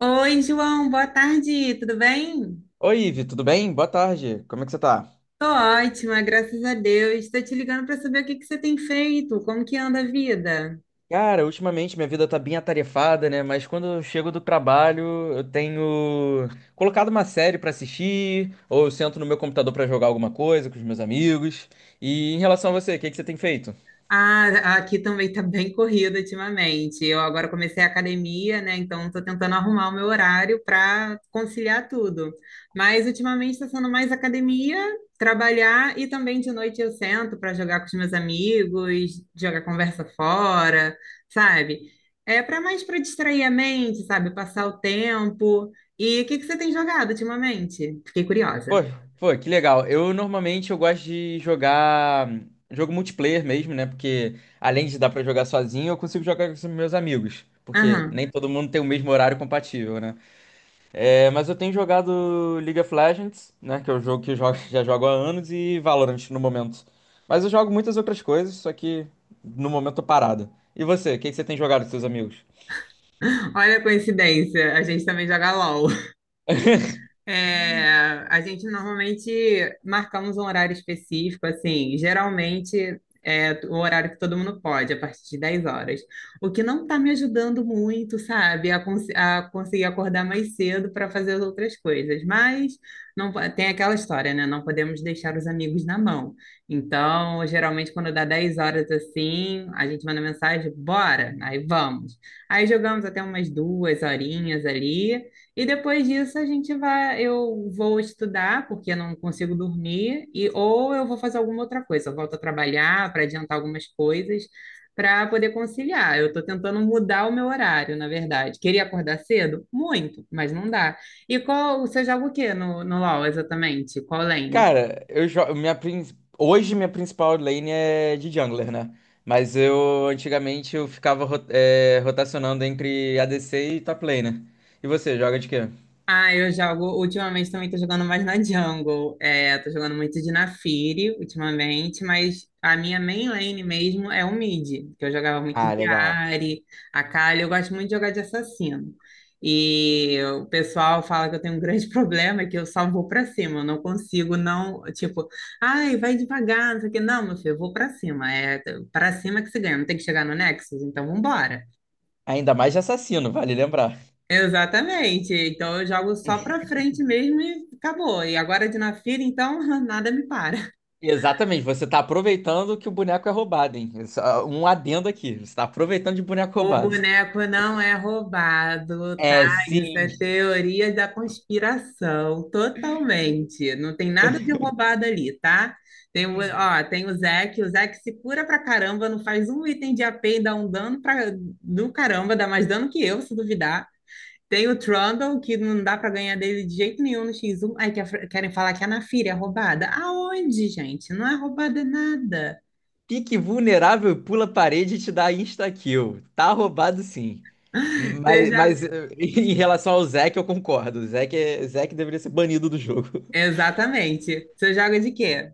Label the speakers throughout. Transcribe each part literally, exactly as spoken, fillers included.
Speaker 1: Oi, João, boa tarde, tudo bem?
Speaker 2: Oi, Ivi, tudo bem? Boa tarde. Como é que você tá?
Speaker 1: Tô ótima, graças a Deus. Estou te ligando para saber o que que você tem feito, como que anda a vida?
Speaker 2: Cara, ultimamente minha vida tá bem atarefada, né? Mas quando eu chego do trabalho, eu tenho colocado uma série pra assistir, ou eu sento no meu computador pra jogar alguma coisa com os meus amigos. E em relação a você, o que que você tem feito?
Speaker 1: Ah, aqui também tá bem corrido ultimamente. Eu agora comecei a academia, né? Então tô tentando arrumar o meu horário para conciliar tudo. Mas ultimamente está sendo mais academia, trabalhar e também de noite eu sento para jogar com os meus amigos, jogar conversa fora, sabe? É para mais para distrair a mente, sabe? Passar o tempo. E o que que você tem jogado ultimamente? Fiquei
Speaker 2: Pô,
Speaker 1: curiosa.
Speaker 2: pô, que legal. Eu normalmente eu gosto de jogar hum, jogo multiplayer mesmo, né? Porque além de dar pra jogar sozinho, eu consigo jogar com os meus amigos, porque
Speaker 1: Aham.
Speaker 2: nem todo mundo tem o mesmo horário compatível, né? É, mas eu tenho jogado League of Legends, né? Que é o jogo que eu jogo, já jogo há anos, e Valorant no momento. Mas eu jogo muitas outras coisas, só que no momento tô parado. E você, o que que você tem jogado com seus amigos?
Speaker 1: Olha a coincidência, a gente também joga LOL. É, a gente normalmente marcamos um horário específico, assim, geralmente é o horário que todo mundo pode, a partir de dez horas. O que não está me ajudando muito, sabe, a, cons- a conseguir acordar mais cedo para fazer as outras coisas. Mas não po- tem aquela história, né? Não podemos deixar os amigos na mão. Então, geralmente, quando dá dez horas assim, a gente manda mensagem, bora, aí vamos. Aí jogamos até umas duas horinhas ali. E depois disso a gente vai, eu vou estudar, porque eu não consigo dormir, e ou eu vou fazer alguma outra coisa, eu volto a trabalhar para adiantar algumas coisas, para poder conciliar. Eu estou tentando mudar o meu horário, na verdade. Queria acordar cedo? Muito, mas não dá. E qual, você joga o quê no, no LoL exatamente? Qual lane?
Speaker 2: Cara, eu jogo. Minha, prin- hoje minha principal lane é de jungler, né? Mas eu antigamente eu ficava ro- é, rotacionando entre A D C e top laner. E você, joga de quê?
Speaker 1: Ah, eu jogo. Ultimamente também tô jogando mais na jungle. É, tô jogando muito de Naafiri ultimamente, mas a minha main lane mesmo é o mid, que eu jogava muito
Speaker 2: Ah,
Speaker 1: de
Speaker 2: legal.
Speaker 1: Ahri, Akali. Eu gosto muito de jogar de assassino. E o pessoal fala que eu tenho um grande problema, é que eu só vou pra cima. Eu não consigo não, tipo, ai, vai devagar, não sei o quê. Não, meu filho, eu vou pra cima. É pra cima que se ganha. Não tem que chegar no Nexus, então vambora.
Speaker 2: Ainda mais de assassino, vale lembrar.
Speaker 1: Exatamente. Então eu jogo só pra frente mesmo e acabou. E agora de na fila, então nada me para.
Speaker 2: Exatamente, você está aproveitando que o boneco é roubado, hein? Só um adendo aqui, você está aproveitando de boneco
Speaker 1: O
Speaker 2: roubado.
Speaker 1: boneco não é roubado, tá?
Speaker 2: É,
Speaker 1: Isso é
Speaker 2: sim.
Speaker 1: teoria da conspiração, totalmente. Não tem nada de roubado ali, tá? Tem o, ó, tem o Zeke, o Zeke se cura pra caramba, não faz um item de a AP e dá um dano pra, do caramba, dá mais dano que eu, se duvidar. Tem o Trundle, que não dá pra ganhar dele de jeito nenhum no X um. Aí quer- querem falar que a Naafiri é roubada. Aonde, gente? Não é roubada nada.
Speaker 2: Fique vulnerável e pula a parede e te dá insta-kill. Tá roubado, sim.
Speaker 1: Você
Speaker 2: Mas,
Speaker 1: joga.
Speaker 2: mas eh, em relação ao Zeke, eu concordo. O Zeke, é- Zeke deveria ser banido do jogo.
Speaker 1: Exatamente. Você joga de quê?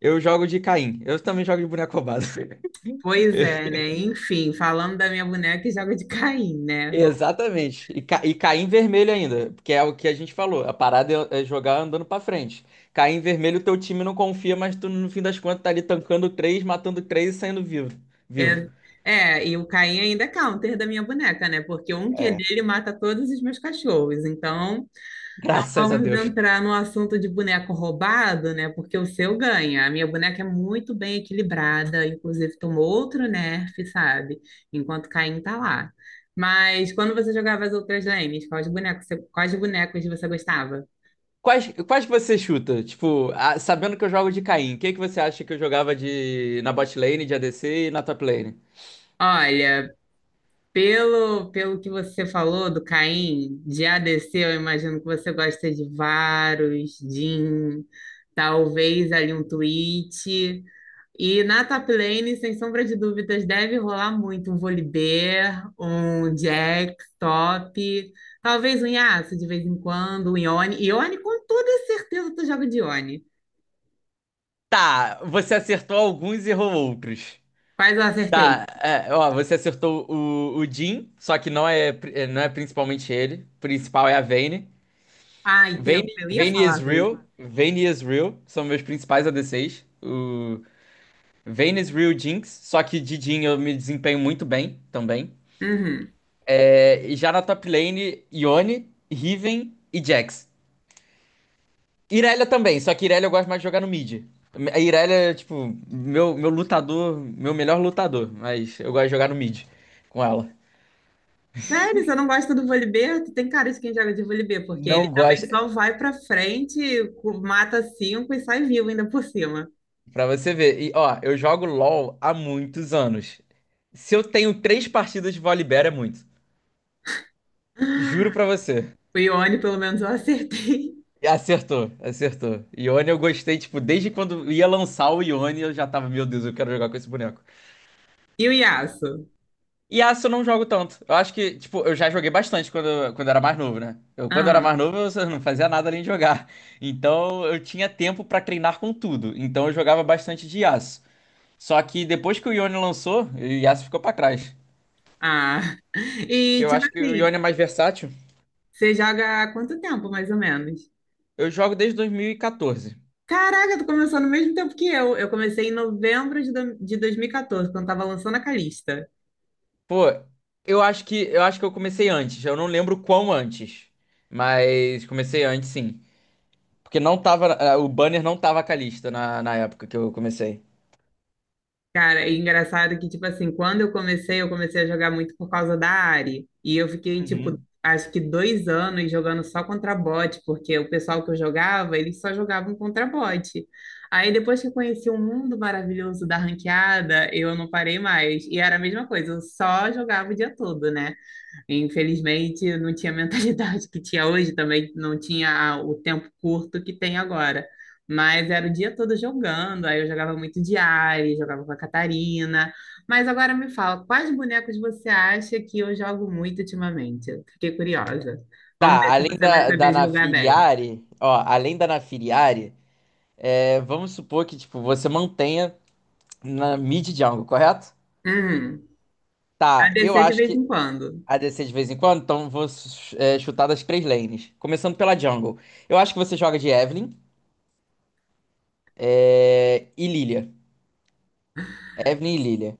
Speaker 2: Eu jogo de Caim. Eu também jogo de boneco roubado.
Speaker 1: Pois é, né? Enfim, falando da minha boneca, joga de Caim, né? Bom,
Speaker 2: Exatamente. E, ca- e cair em vermelho ainda, porque é o que a gente falou. A parada é é jogar andando pra frente. Cair em vermelho, teu time não confia, mas tu no fim das contas tá ali tancando três, matando três e saindo vivo. Vivo.
Speaker 1: é, é, e o Caim ainda é counter da minha boneca, né? Porque um Q
Speaker 2: É.
Speaker 1: dele mata todos os meus cachorros. Então, não
Speaker 2: Graças a
Speaker 1: vamos
Speaker 2: Deus.
Speaker 1: entrar no assunto de boneco roubado, né? Porque o seu ganha. A minha boneca é muito bem equilibrada, inclusive tomou outro nerf, sabe? Enquanto Caim tá lá. Mas quando você jogava as outras lanes, quais bonecos, você- quais bonecos você gostava?
Speaker 2: Quais, quais que você chuta? Tipo, a- sabendo que eu jogo de Caim, o que que você acha que eu jogava de na bot lane, de A D C e na top lane?
Speaker 1: Olha, Pelo, pelo que você falou do Caim, de A D C eu imagino que você gosta de Varus, Jhin, talvez ali um Twitch. E na top lane, sem sombra de dúvidas, deve rolar muito um Volibear, um Jax top, talvez um Yasuo de vez em quando, um Yone. Yone, com toda certeza, tu joga de Yone.
Speaker 2: Tá, você acertou alguns e errou outros.
Speaker 1: Quais eu acertei?
Speaker 2: Tá, é, ó, você acertou o, o Jin, só que não é, pri- é, não é principalmente ele. O principal é a Vayne.
Speaker 1: Ai,
Speaker 2: Vayne,
Speaker 1: teu, eu ia
Speaker 2: Vayne
Speaker 1: falar,
Speaker 2: is real,
Speaker 1: velho.
Speaker 2: Vayne is real, são meus principais A D Cs. O Vayne is real Jinx, só que de Jin eu me desempenho muito bem também.
Speaker 1: Uhum.
Speaker 2: É, e já na top lane, Yone, Riven e Jax. Irelia também, só que Irelia eu gosto mais de jogar no mid. A Irelia é, tipo, meu, meu lutador, meu melhor lutador, mas eu gosto de jogar no mid com ela.
Speaker 1: Sério, você não gosta do vôlei. Tu tem cara de quem joga de vôlei porque ele
Speaker 2: Não gosto.
Speaker 1: também só vai pra frente, cu- mata cinco e sai vivo ainda por cima.
Speaker 2: Pra você ver. E, ó, eu jogo LOL há muitos anos. Se eu tenho três partidas de Volibear, é muito. Juro pra você.
Speaker 1: O Ione, pelo menos, eu acertei.
Speaker 2: E acertou, acertou. Ione eu gostei, tipo, desde quando ia lançar o Ione, eu já tava, meu Deus, eu quero jogar com esse boneco.
Speaker 1: E o Yasso?
Speaker 2: E Yasuo eu não jogo tanto. Eu acho que, tipo, eu já joguei bastante quando, quando era mais novo, né? Eu, quando era
Speaker 1: Aham.
Speaker 2: mais novo, eu só não fazia nada além de jogar. Então, eu tinha tempo pra treinar com tudo. Então, eu jogava bastante de Yasuo. Só que depois que o Ione lançou, o Yasuo ficou pra trás.
Speaker 1: Ah.
Speaker 2: Que
Speaker 1: E,
Speaker 2: eu
Speaker 1: tipo
Speaker 2: acho que o
Speaker 1: assim,
Speaker 2: Ione é mais versátil.
Speaker 1: você joga há quanto tempo, mais ou menos?
Speaker 2: Eu jogo desde dois mil e quatorze.
Speaker 1: Caraca, tu começou no mesmo tempo que eu. Eu comecei em novembro de do- de dois mil e quatorze, quando tava lançando a Calista.
Speaker 2: Pô, eu acho que eu acho que eu comecei antes. Eu não lembro quão antes, mas comecei antes, sim. Porque não tava, eh, o banner não tava com a lista na, na época que eu comecei.
Speaker 1: Cara, é engraçado que, tipo assim, quando eu comecei, eu comecei a jogar muito por causa da Ari. E eu fiquei, tipo,
Speaker 2: Uhum.
Speaker 1: acho que dois anos jogando só contra bot, porque o pessoal que eu jogava, eles só jogavam contra bot. Aí depois que eu conheci o mundo maravilhoso da ranqueada, eu não parei mais. E era a mesma coisa, eu só jogava o dia todo, né? Infelizmente, eu não tinha a mentalidade que tinha hoje, também não tinha o tempo curto que tem agora. Mas era o dia todo jogando, aí eu jogava muito de Ari, jogava com a Catarina. Mas agora me fala, quais bonecos você acha que eu jogo muito ultimamente? Eu fiquei curiosa. Vamos ver
Speaker 2: Tá,
Speaker 1: se
Speaker 2: além
Speaker 1: você vai
Speaker 2: da,
Speaker 1: saber
Speaker 2: da
Speaker 1: julgar bem.
Speaker 2: Nafiriari, ó, além da Nafiriari, eh, vamos supor que, tipo, você mantenha na mid jungle, correto?
Speaker 1: Hum,
Speaker 2: Tá, eu
Speaker 1: A D C de
Speaker 2: acho
Speaker 1: vez
Speaker 2: que
Speaker 1: em quando.
Speaker 2: a descer de vez em quando, então vou é, chutar das três lanes. Começando pela jungle. Eu acho que você joga de Evelynn é, e Lilia. Evelynn e Lilia.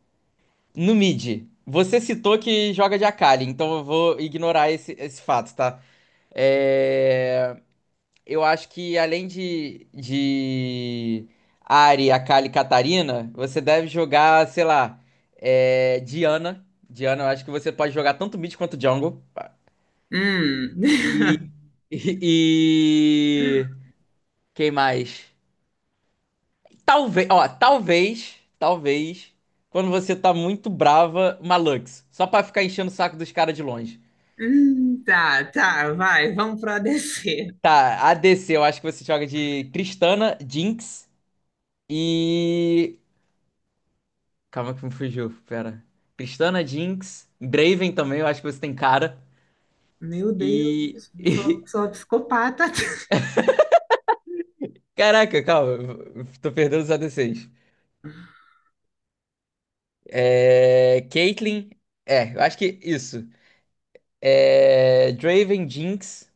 Speaker 2: No mid, você citou que joga de Akali, então eu vou ignorar esse, esse fato, tá? É, eu acho que além de, de Ahri, Akali e Katarina, você deve jogar, sei lá, é, Diana. Diana, eu acho que você pode jogar tanto mid quanto jungle.
Speaker 1: Hum.
Speaker 2: E, e, Quem mais? Talvez, ó, talvez, talvez, quando você tá muito brava, uma Lux. Só pra ficar enchendo o saco dos caras de longe.
Speaker 1: Hum, tá, tá, vai, vamos pro A D C.
Speaker 2: Tá, A D C, eu acho que você joga de Tristana, Jinx e. Calma que me fugiu, pera. Tristana, Jinx, Draven também, eu acho que você tem cara.
Speaker 1: Meu Deus,
Speaker 2: E.
Speaker 1: eu sou,
Speaker 2: e-
Speaker 1: sou uma psicopata.
Speaker 2: Caraca, calma, eu tô perdendo os A D Cs. É. Caitlyn, é, eu acho que isso. É. Draven, Jinx.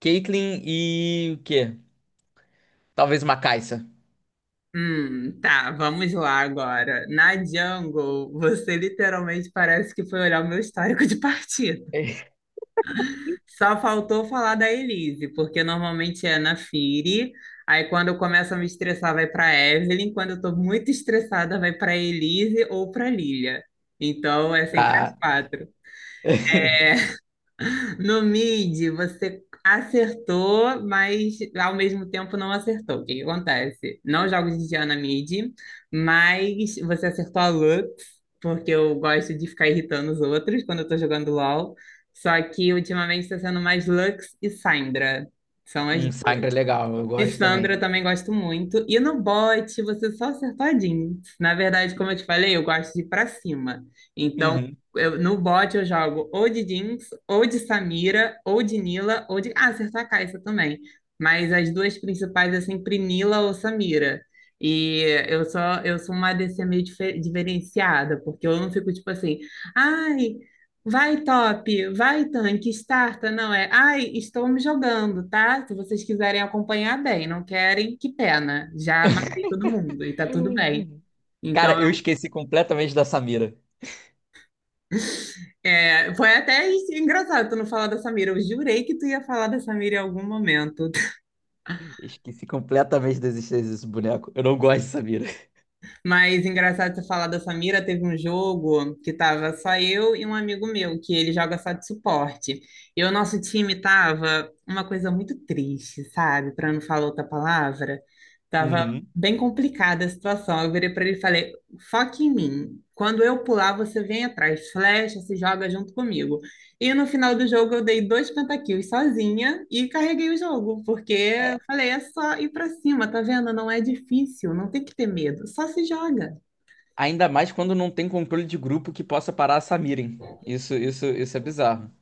Speaker 2: Caitlyn e o quê? Talvez uma Kai'Sa.
Speaker 1: Hum, tá, vamos lá agora. Na Jungle, você literalmente parece que foi olhar o meu histórico de partida. Só faltou falar da Elise, porque normalmente é na Firi. Aí quando eu começo a me estressar, vai para Evelyn. Quando eu tô muito estressada, vai para Elise ou para Lilia. Então é sempre as
Speaker 2: Tá.
Speaker 1: quatro. No mid, você acertou, mas ao mesmo tempo não acertou. O que que acontece? Não jogo de Diana mid, mas você acertou a Lux, porque eu gosto de ficar irritando os outros quando eu tô jogando LoL. Só que ultimamente está sendo mais Lux e Syndra. São as
Speaker 2: Um Sangra é
Speaker 1: duas.
Speaker 2: legal, eu
Speaker 1: E
Speaker 2: gosto também.
Speaker 1: Sandra eu também gosto muito. E no bote você só acertou a jeans. Na verdade, como eu te falei, eu gosto de ir pra cima. Então,
Speaker 2: Uhum.
Speaker 1: eu- no bote eu jogo ou de jeans, ou de Samira, ou de Nila, ou de. Ah, acertou a Caixa também. Mas as duas principais é sempre Nila ou Samira. E eu só eu sou uma A D C meio dife- diferenciada, porque eu não fico tipo assim, ai, vai, top, vai, tanque, starta, não é? Ai, estou me jogando, tá? Se vocês quiserem acompanhar, bem, não querem, que pena. Já matei todo mundo e tá tudo bem. Então,
Speaker 2: Cara, eu
Speaker 1: eu-
Speaker 2: esqueci completamente da Samira.
Speaker 1: é, foi até isso- engraçado tu não falar da Samira. Eu jurei que tu ia falar da Samira em algum momento.
Speaker 2: Esqueci completamente da existência desse boneco. Eu não gosto de Samira.
Speaker 1: Mas engraçado você falar da Samira, teve um jogo que tava só eu e um amigo meu, que ele joga só de suporte. E o nosso time tava uma coisa muito triste, sabe? Para não falar outra palavra, tava
Speaker 2: Uhum.
Speaker 1: bem complicada a situação. Eu virei para ele e falei: "Foque em mim. Quando eu pular, você vem atrás, flecha, se joga junto comigo." E no final do jogo eu dei dois pentakills sozinha e carreguei o jogo, porque eu
Speaker 2: É,
Speaker 1: falei, é só ir pra cima, tá vendo? Não é difícil, não tem que ter medo, só se joga.
Speaker 2: ainda mais quando não tem controle de grupo que possa parar a Samiren. Isso, isso, isso é bizarro.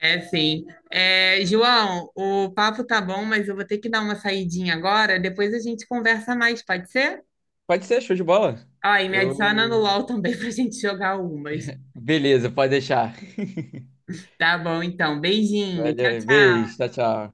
Speaker 1: É sim. É, João, o papo tá bom, mas eu vou ter que dar uma saidinha agora, depois a gente conversa mais, pode ser?
Speaker 2: Pode ser, show de bola.
Speaker 1: Ó, e me adiciona no
Speaker 2: Eu.
Speaker 1: LOL também pra gente jogar umas.
Speaker 2: Beleza, pode deixar.
Speaker 1: Tá bom, então. Beijinho. Tchau,
Speaker 2: Valeu,
Speaker 1: tchau.
Speaker 2: beijo, tchau, tchau.